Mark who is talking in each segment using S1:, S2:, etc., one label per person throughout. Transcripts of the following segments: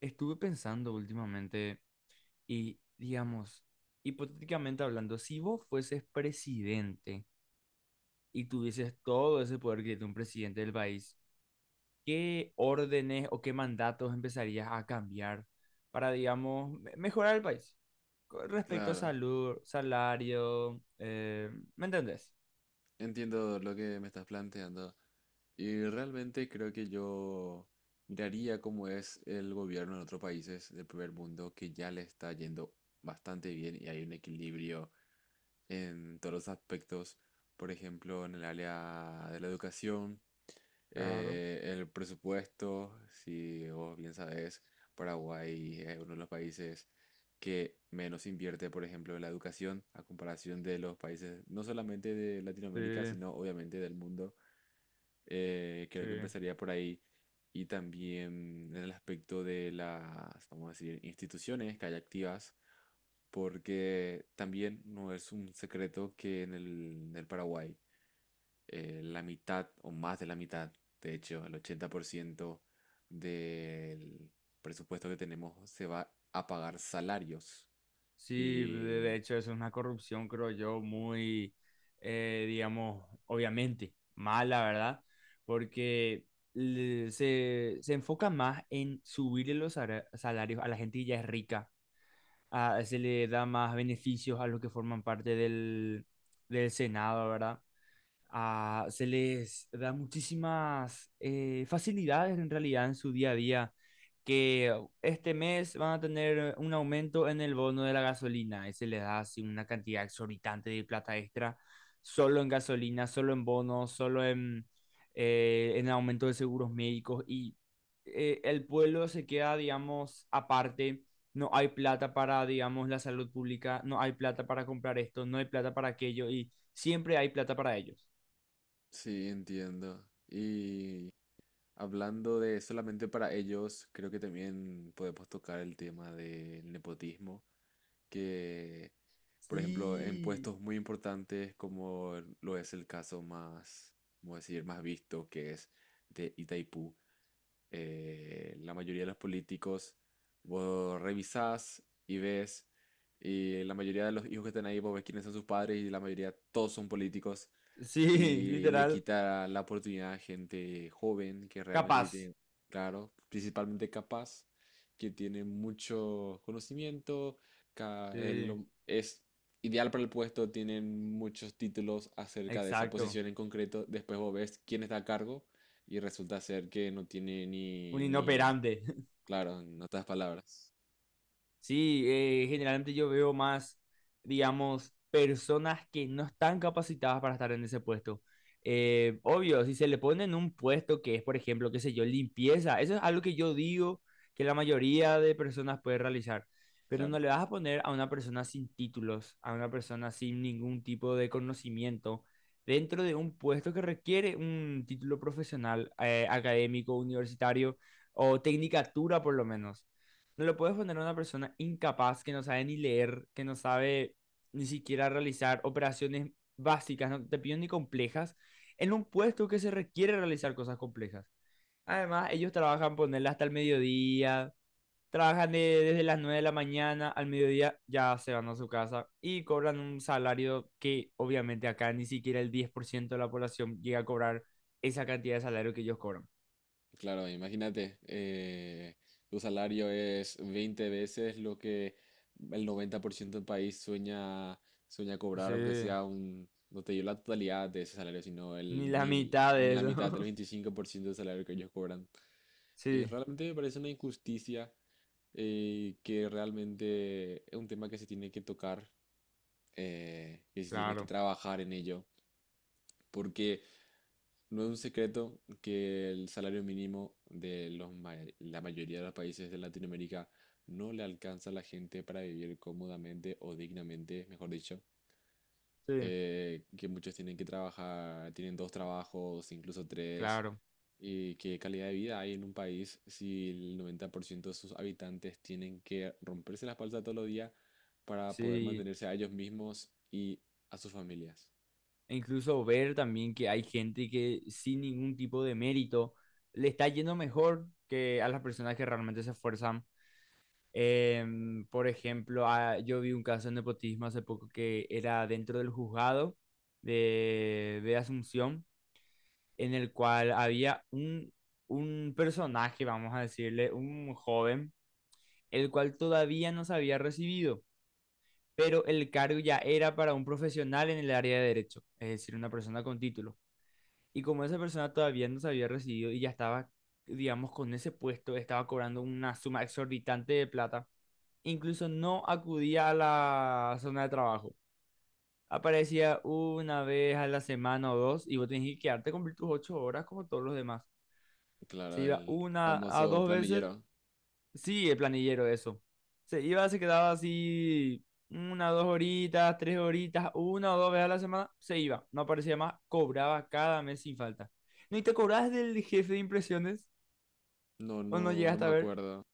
S1: Estuve pensando últimamente y, digamos, hipotéticamente hablando, si vos fueses presidente y tuvieses todo ese poder que tiene un presidente del país, ¿qué órdenes o qué mandatos empezarías a cambiar para, digamos, mejorar el país? Con respecto a
S2: Claro,
S1: salud, salario, ¿me entendés?
S2: entiendo lo que me estás planteando. Y realmente creo que yo miraría cómo es el gobierno en otros países del primer mundo que ya le está yendo bastante bien y hay un equilibrio en todos los aspectos. Por ejemplo, en el área de la educación.
S1: Claro,
S2: El presupuesto, si vos bien sabés, Paraguay es uno de los países que menos invierte, por ejemplo, en la educación a comparación de los países no solamente de
S1: sí,
S2: Latinoamérica, sino obviamente del mundo.
S1: sí.
S2: Creo que empezaría por ahí. Y también en el aspecto de las, vamos a decir, instituciones que hay activas, porque también no es un secreto que en el Paraguay la mitad o más de la mitad, de hecho, el 80% del presupuesto que tenemos se va a pagar salarios.
S1: Sí, de
S2: Y
S1: hecho es una corrupción, creo yo, muy, digamos, obviamente mala, ¿verdad? Porque se enfoca más en subirle los salarios a la gente que ya es rica, se le da más beneficios a los que forman parte del Senado, ¿verdad? Ah, se les da muchísimas facilidades en realidad en su día a día, que este mes van a tener un aumento en el bono de la gasolina y se les da así una cantidad exorbitante de plata extra, solo en gasolina, solo en bonos, solo en aumento de seguros médicos y el pueblo se queda, digamos, aparte. No hay plata para, digamos, la salud pública, no hay plata para comprar esto, no hay plata para aquello y siempre hay plata para ello.
S2: sí, entiendo. Y hablando de solamente para ellos, creo que también podemos tocar el tema del nepotismo, que, por ejemplo, en
S1: Sí,
S2: puestos muy importantes como lo es el caso más, ¿cómo decir?, más visto, que es de Itaipú. La mayoría de los políticos, vos revisás y ves, y la mayoría de los hijos que están ahí, vos ves quiénes son sus padres y la mayoría todos son políticos,
S1: sí,
S2: y le
S1: literal,
S2: quita la oportunidad a gente joven que realmente sí
S1: capaz.
S2: tiene, claro, principalmente capaz, que tiene mucho conocimiento,
S1: Sí,
S2: es ideal para el puesto, tienen muchos títulos acerca de esa
S1: exacto.
S2: posición en concreto, después vos ves quién está a cargo y resulta ser que no tiene
S1: Un
S2: ni,
S1: inoperante.
S2: claro, en otras palabras,
S1: Sí, generalmente yo veo más, digamos, personas que no están capacitadas para estar en ese puesto. Obvio, si se le pone en un puesto que es, por ejemplo, qué sé yo, limpieza, eso es algo que yo digo que la mayoría de personas puede realizar, pero
S2: claro.
S1: no le vas a poner a una persona sin títulos, a una persona sin ningún tipo de conocimiento, dentro de un puesto que requiere un título profesional, académico, universitario o tecnicatura por lo menos. No lo puedes poner a una persona incapaz que no sabe ni leer, que no sabe ni siquiera realizar operaciones básicas, no te pido ni complejas, en un puesto que se requiere realizar cosas complejas. Además, ellos trabajan ponerla hasta el mediodía, trabajan desde las 9 de la mañana al mediodía, ya se van a su casa y cobran un salario que obviamente acá ni siquiera el 10% de la población llega a cobrar esa cantidad de salario que ellos cobran.
S2: Claro, imagínate, tu salario es 20 veces lo que el 90% del país sueña, sueña cobrar,
S1: Sí,
S2: aunque sea un, no te digo la totalidad de ese salario,
S1: ni la
S2: ni,
S1: mitad
S2: ni
S1: de
S2: la mitad, el
S1: eso.
S2: 25% del salario que ellos cobran. Y
S1: Sí,
S2: realmente me parece una injusticia. Que realmente es un tema que se tiene que tocar, que se tiene que
S1: claro.
S2: trabajar en ello, porque no es un secreto que el salario mínimo de la mayoría de los países de Latinoamérica no le alcanza a la gente para vivir cómodamente o dignamente, mejor dicho.
S1: Sí,
S2: Que muchos tienen que trabajar, tienen dos trabajos, incluso tres.
S1: claro,
S2: ¿Y qué calidad de vida hay en un país si el 90% de sus habitantes tienen que romperse la espalda todos los días para poder
S1: sí.
S2: mantenerse a ellos mismos y a sus familias?
S1: E incluso ver también que hay gente que sin ningún tipo de mérito le está yendo mejor que a las personas que realmente se esfuerzan. Por ejemplo, ah, yo vi un caso de nepotismo hace poco que era dentro del juzgado de Asunción, en el cual había un personaje, vamos a decirle, un joven, el cual todavía no se había recibido. Pero el cargo ya era para un profesional en el área de derecho, es decir, una persona con título. Y como esa persona todavía no se había recibido y ya estaba, digamos, con ese puesto, estaba cobrando una suma exorbitante de plata, incluso no acudía a la zona de trabajo. Aparecía una vez a la semana o dos y vos tenías que quedarte a cumplir tus 8 horas como todos los demás. Se
S2: Claro,
S1: iba
S2: el
S1: una a
S2: famoso
S1: dos veces.
S2: planillero.
S1: Sí, el planillero, eso. Se iba, se quedaba así una, dos horitas, tres horitas, una o dos veces a la semana, se iba, no aparecía más, cobraba cada mes sin falta. ¿No y te cobras del jefe de impresiones?
S2: No,
S1: ¿O no
S2: no, no
S1: llegaste a
S2: me
S1: ver?
S2: acuerdo.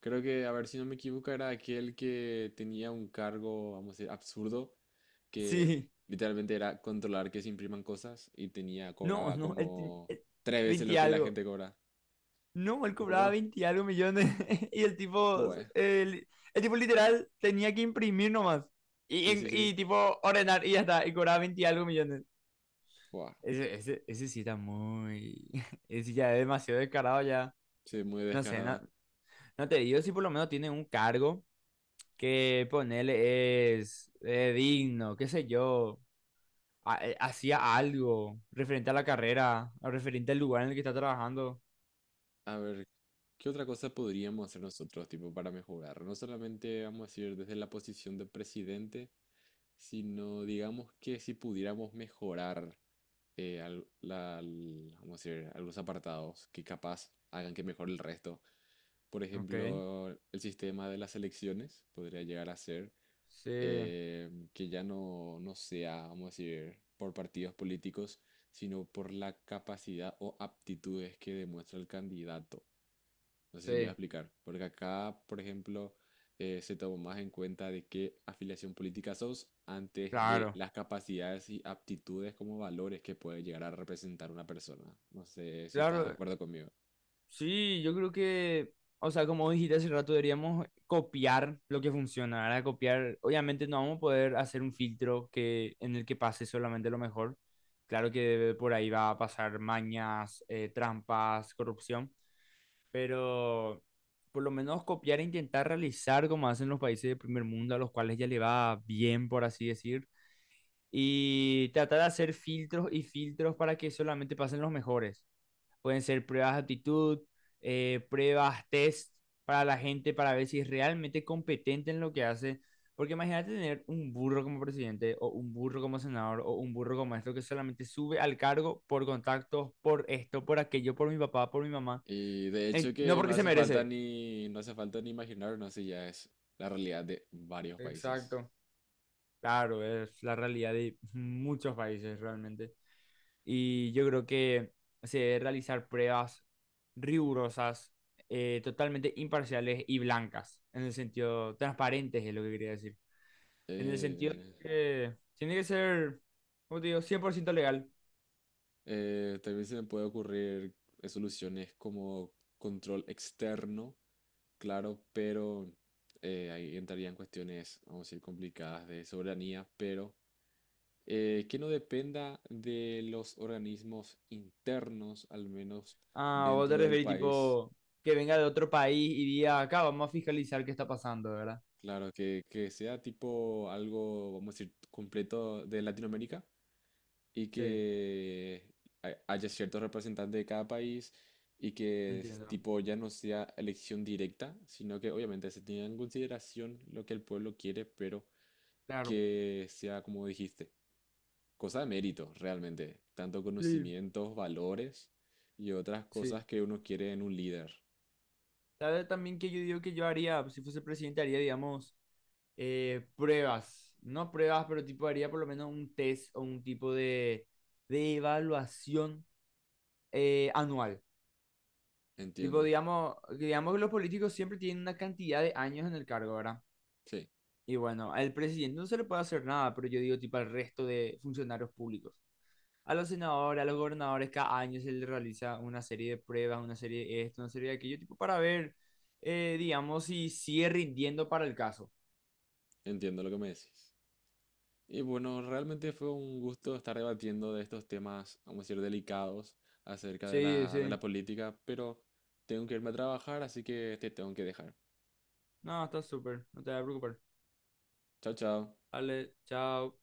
S2: Creo que, a ver si no me equivoco, era aquel que tenía un cargo, vamos a decir, absurdo, que
S1: Sí,
S2: literalmente era controlar que se impriman cosas y tenía,
S1: no,
S2: cobraba
S1: no,
S2: como
S1: el
S2: tres veces
S1: 20
S2: lo
S1: y
S2: que la
S1: algo.
S2: gente cobra.
S1: No, él cobraba
S2: Wow.
S1: 20 y algo millones y el tipo,
S2: Buah.
S1: el tipo literal tenía que imprimir nomás y,
S2: Sí, sí, sí.
S1: y tipo ordenar y ya está, y cobraba 20 y algo millones.
S2: Buah.
S1: Ese sí está muy. Ese ya es demasiado descarado, ya.
S2: Sí, muy
S1: No sé, no,
S2: descarado.
S1: no te digo si por lo menos tiene un cargo que ponerle es digno, qué sé yo. Hacía algo referente a la carrera, o referente al lugar en el que está trabajando.
S2: A ver, ¿qué otra cosa podríamos hacer nosotros, tipo, para mejorar? No solamente, vamos a decir, desde la posición de presidente, sino digamos que si pudiéramos mejorar vamos a decir, algunos apartados que capaz hagan que mejore el resto. Por
S1: Ok.
S2: ejemplo, el sistema de las elecciones podría llegar a ser,
S1: Sí,
S2: que ya no, no sea, vamos a decir, por partidos políticos, sino por la capacidad o aptitudes que demuestra el candidato. No sé si me voy a
S1: sí,
S2: explicar. Porque acá, por ejemplo, se tomó más en cuenta de qué afiliación política sos antes de
S1: claro.
S2: las capacidades y aptitudes como valores que puede llegar a representar una persona. No sé si estás de
S1: Claro,
S2: acuerdo conmigo.
S1: sí, yo creo que, o sea, como dijiste hace rato, deberíamos copiar lo que funciona, ¿verdad? Copiar, obviamente no vamos a poder hacer un filtro en el que pase solamente lo mejor. Claro que por ahí va a pasar mañas, trampas, corrupción, pero por lo menos copiar e intentar realizar como hacen los países de primer mundo, a los cuales ya le va bien, por así decir, y tratar de hacer filtros y filtros para que solamente pasen los mejores. Pueden ser pruebas de actitud, pruebas, test para la gente para ver si es realmente competente en lo que hace. Porque imagínate tener un burro como presidente o un burro como senador o un burro como esto que solamente sube al cargo por contactos, por esto, por aquello, por mi papá, por mi mamá.
S2: Y de hecho
S1: No
S2: que no
S1: porque se
S2: hace falta
S1: merece.
S2: ni, no hace falta ni imaginar, no sé, ya es la realidad de varios países.
S1: Exacto. Claro, es la realidad de muchos países realmente. Y yo creo que se debe realizar pruebas rigurosas, totalmente imparciales y blancas, en el sentido, transparentes es lo que quería decir. En el sentido de
S2: Eh,
S1: que tiene que ser, como te digo, 100% legal.
S2: también se me puede ocurrir soluciones como control externo. Claro, pero ahí entrarían cuestiones, vamos a decir, complicadas de soberanía, pero que no dependa de los organismos internos, al menos
S1: Ah, ¿vos te
S2: dentro del
S1: referís
S2: país.
S1: tipo que venga de otro país y diga, acá vamos a fiscalizar qué está pasando, ¿verdad?
S2: Claro, que sea tipo algo, vamos a decir, completo de Latinoamérica y
S1: Sí,
S2: que haya ciertos representantes de cada país y que es
S1: entiendo.
S2: tipo ya no sea elección directa, sino que obviamente se tenga en consideración lo que el pueblo quiere, pero
S1: Claro.
S2: que sea, como dijiste, cosa de mérito realmente, tanto
S1: Sí,
S2: conocimientos, valores y otras
S1: sí.
S2: cosas que uno quiere en un líder.
S1: ¿Sabes también que yo digo que yo haría, si fuese presidente, haría, digamos, pruebas? No pruebas, pero tipo haría por lo menos un test o un tipo de evaluación anual. Tipo,
S2: Entiendo,
S1: digamos, digamos que los políticos siempre tienen una cantidad de años en el cargo, ¿verdad?
S2: sí,
S1: Y bueno, al presidente no se le puede hacer nada, pero yo digo tipo al resto de funcionarios públicos. A los senadores, a los gobernadores, cada año se les realiza una serie de pruebas, una serie de esto, una serie de aquello, tipo para ver, digamos, si sigue rindiendo para el caso.
S2: entiendo lo que me decís. Y bueno, realmente fue un gusto estar debatiendo de estos temas, vamos a decir, delicados acerca de
S1: Sí,
S2: la, de
S1: sí.
S2: la política, pero tengo que irme a trabajar, así que te tengo que dejar.
S1: No, está súper, no te vas a preocupar.
S2: Chao, chao.
S1: Vale, chao.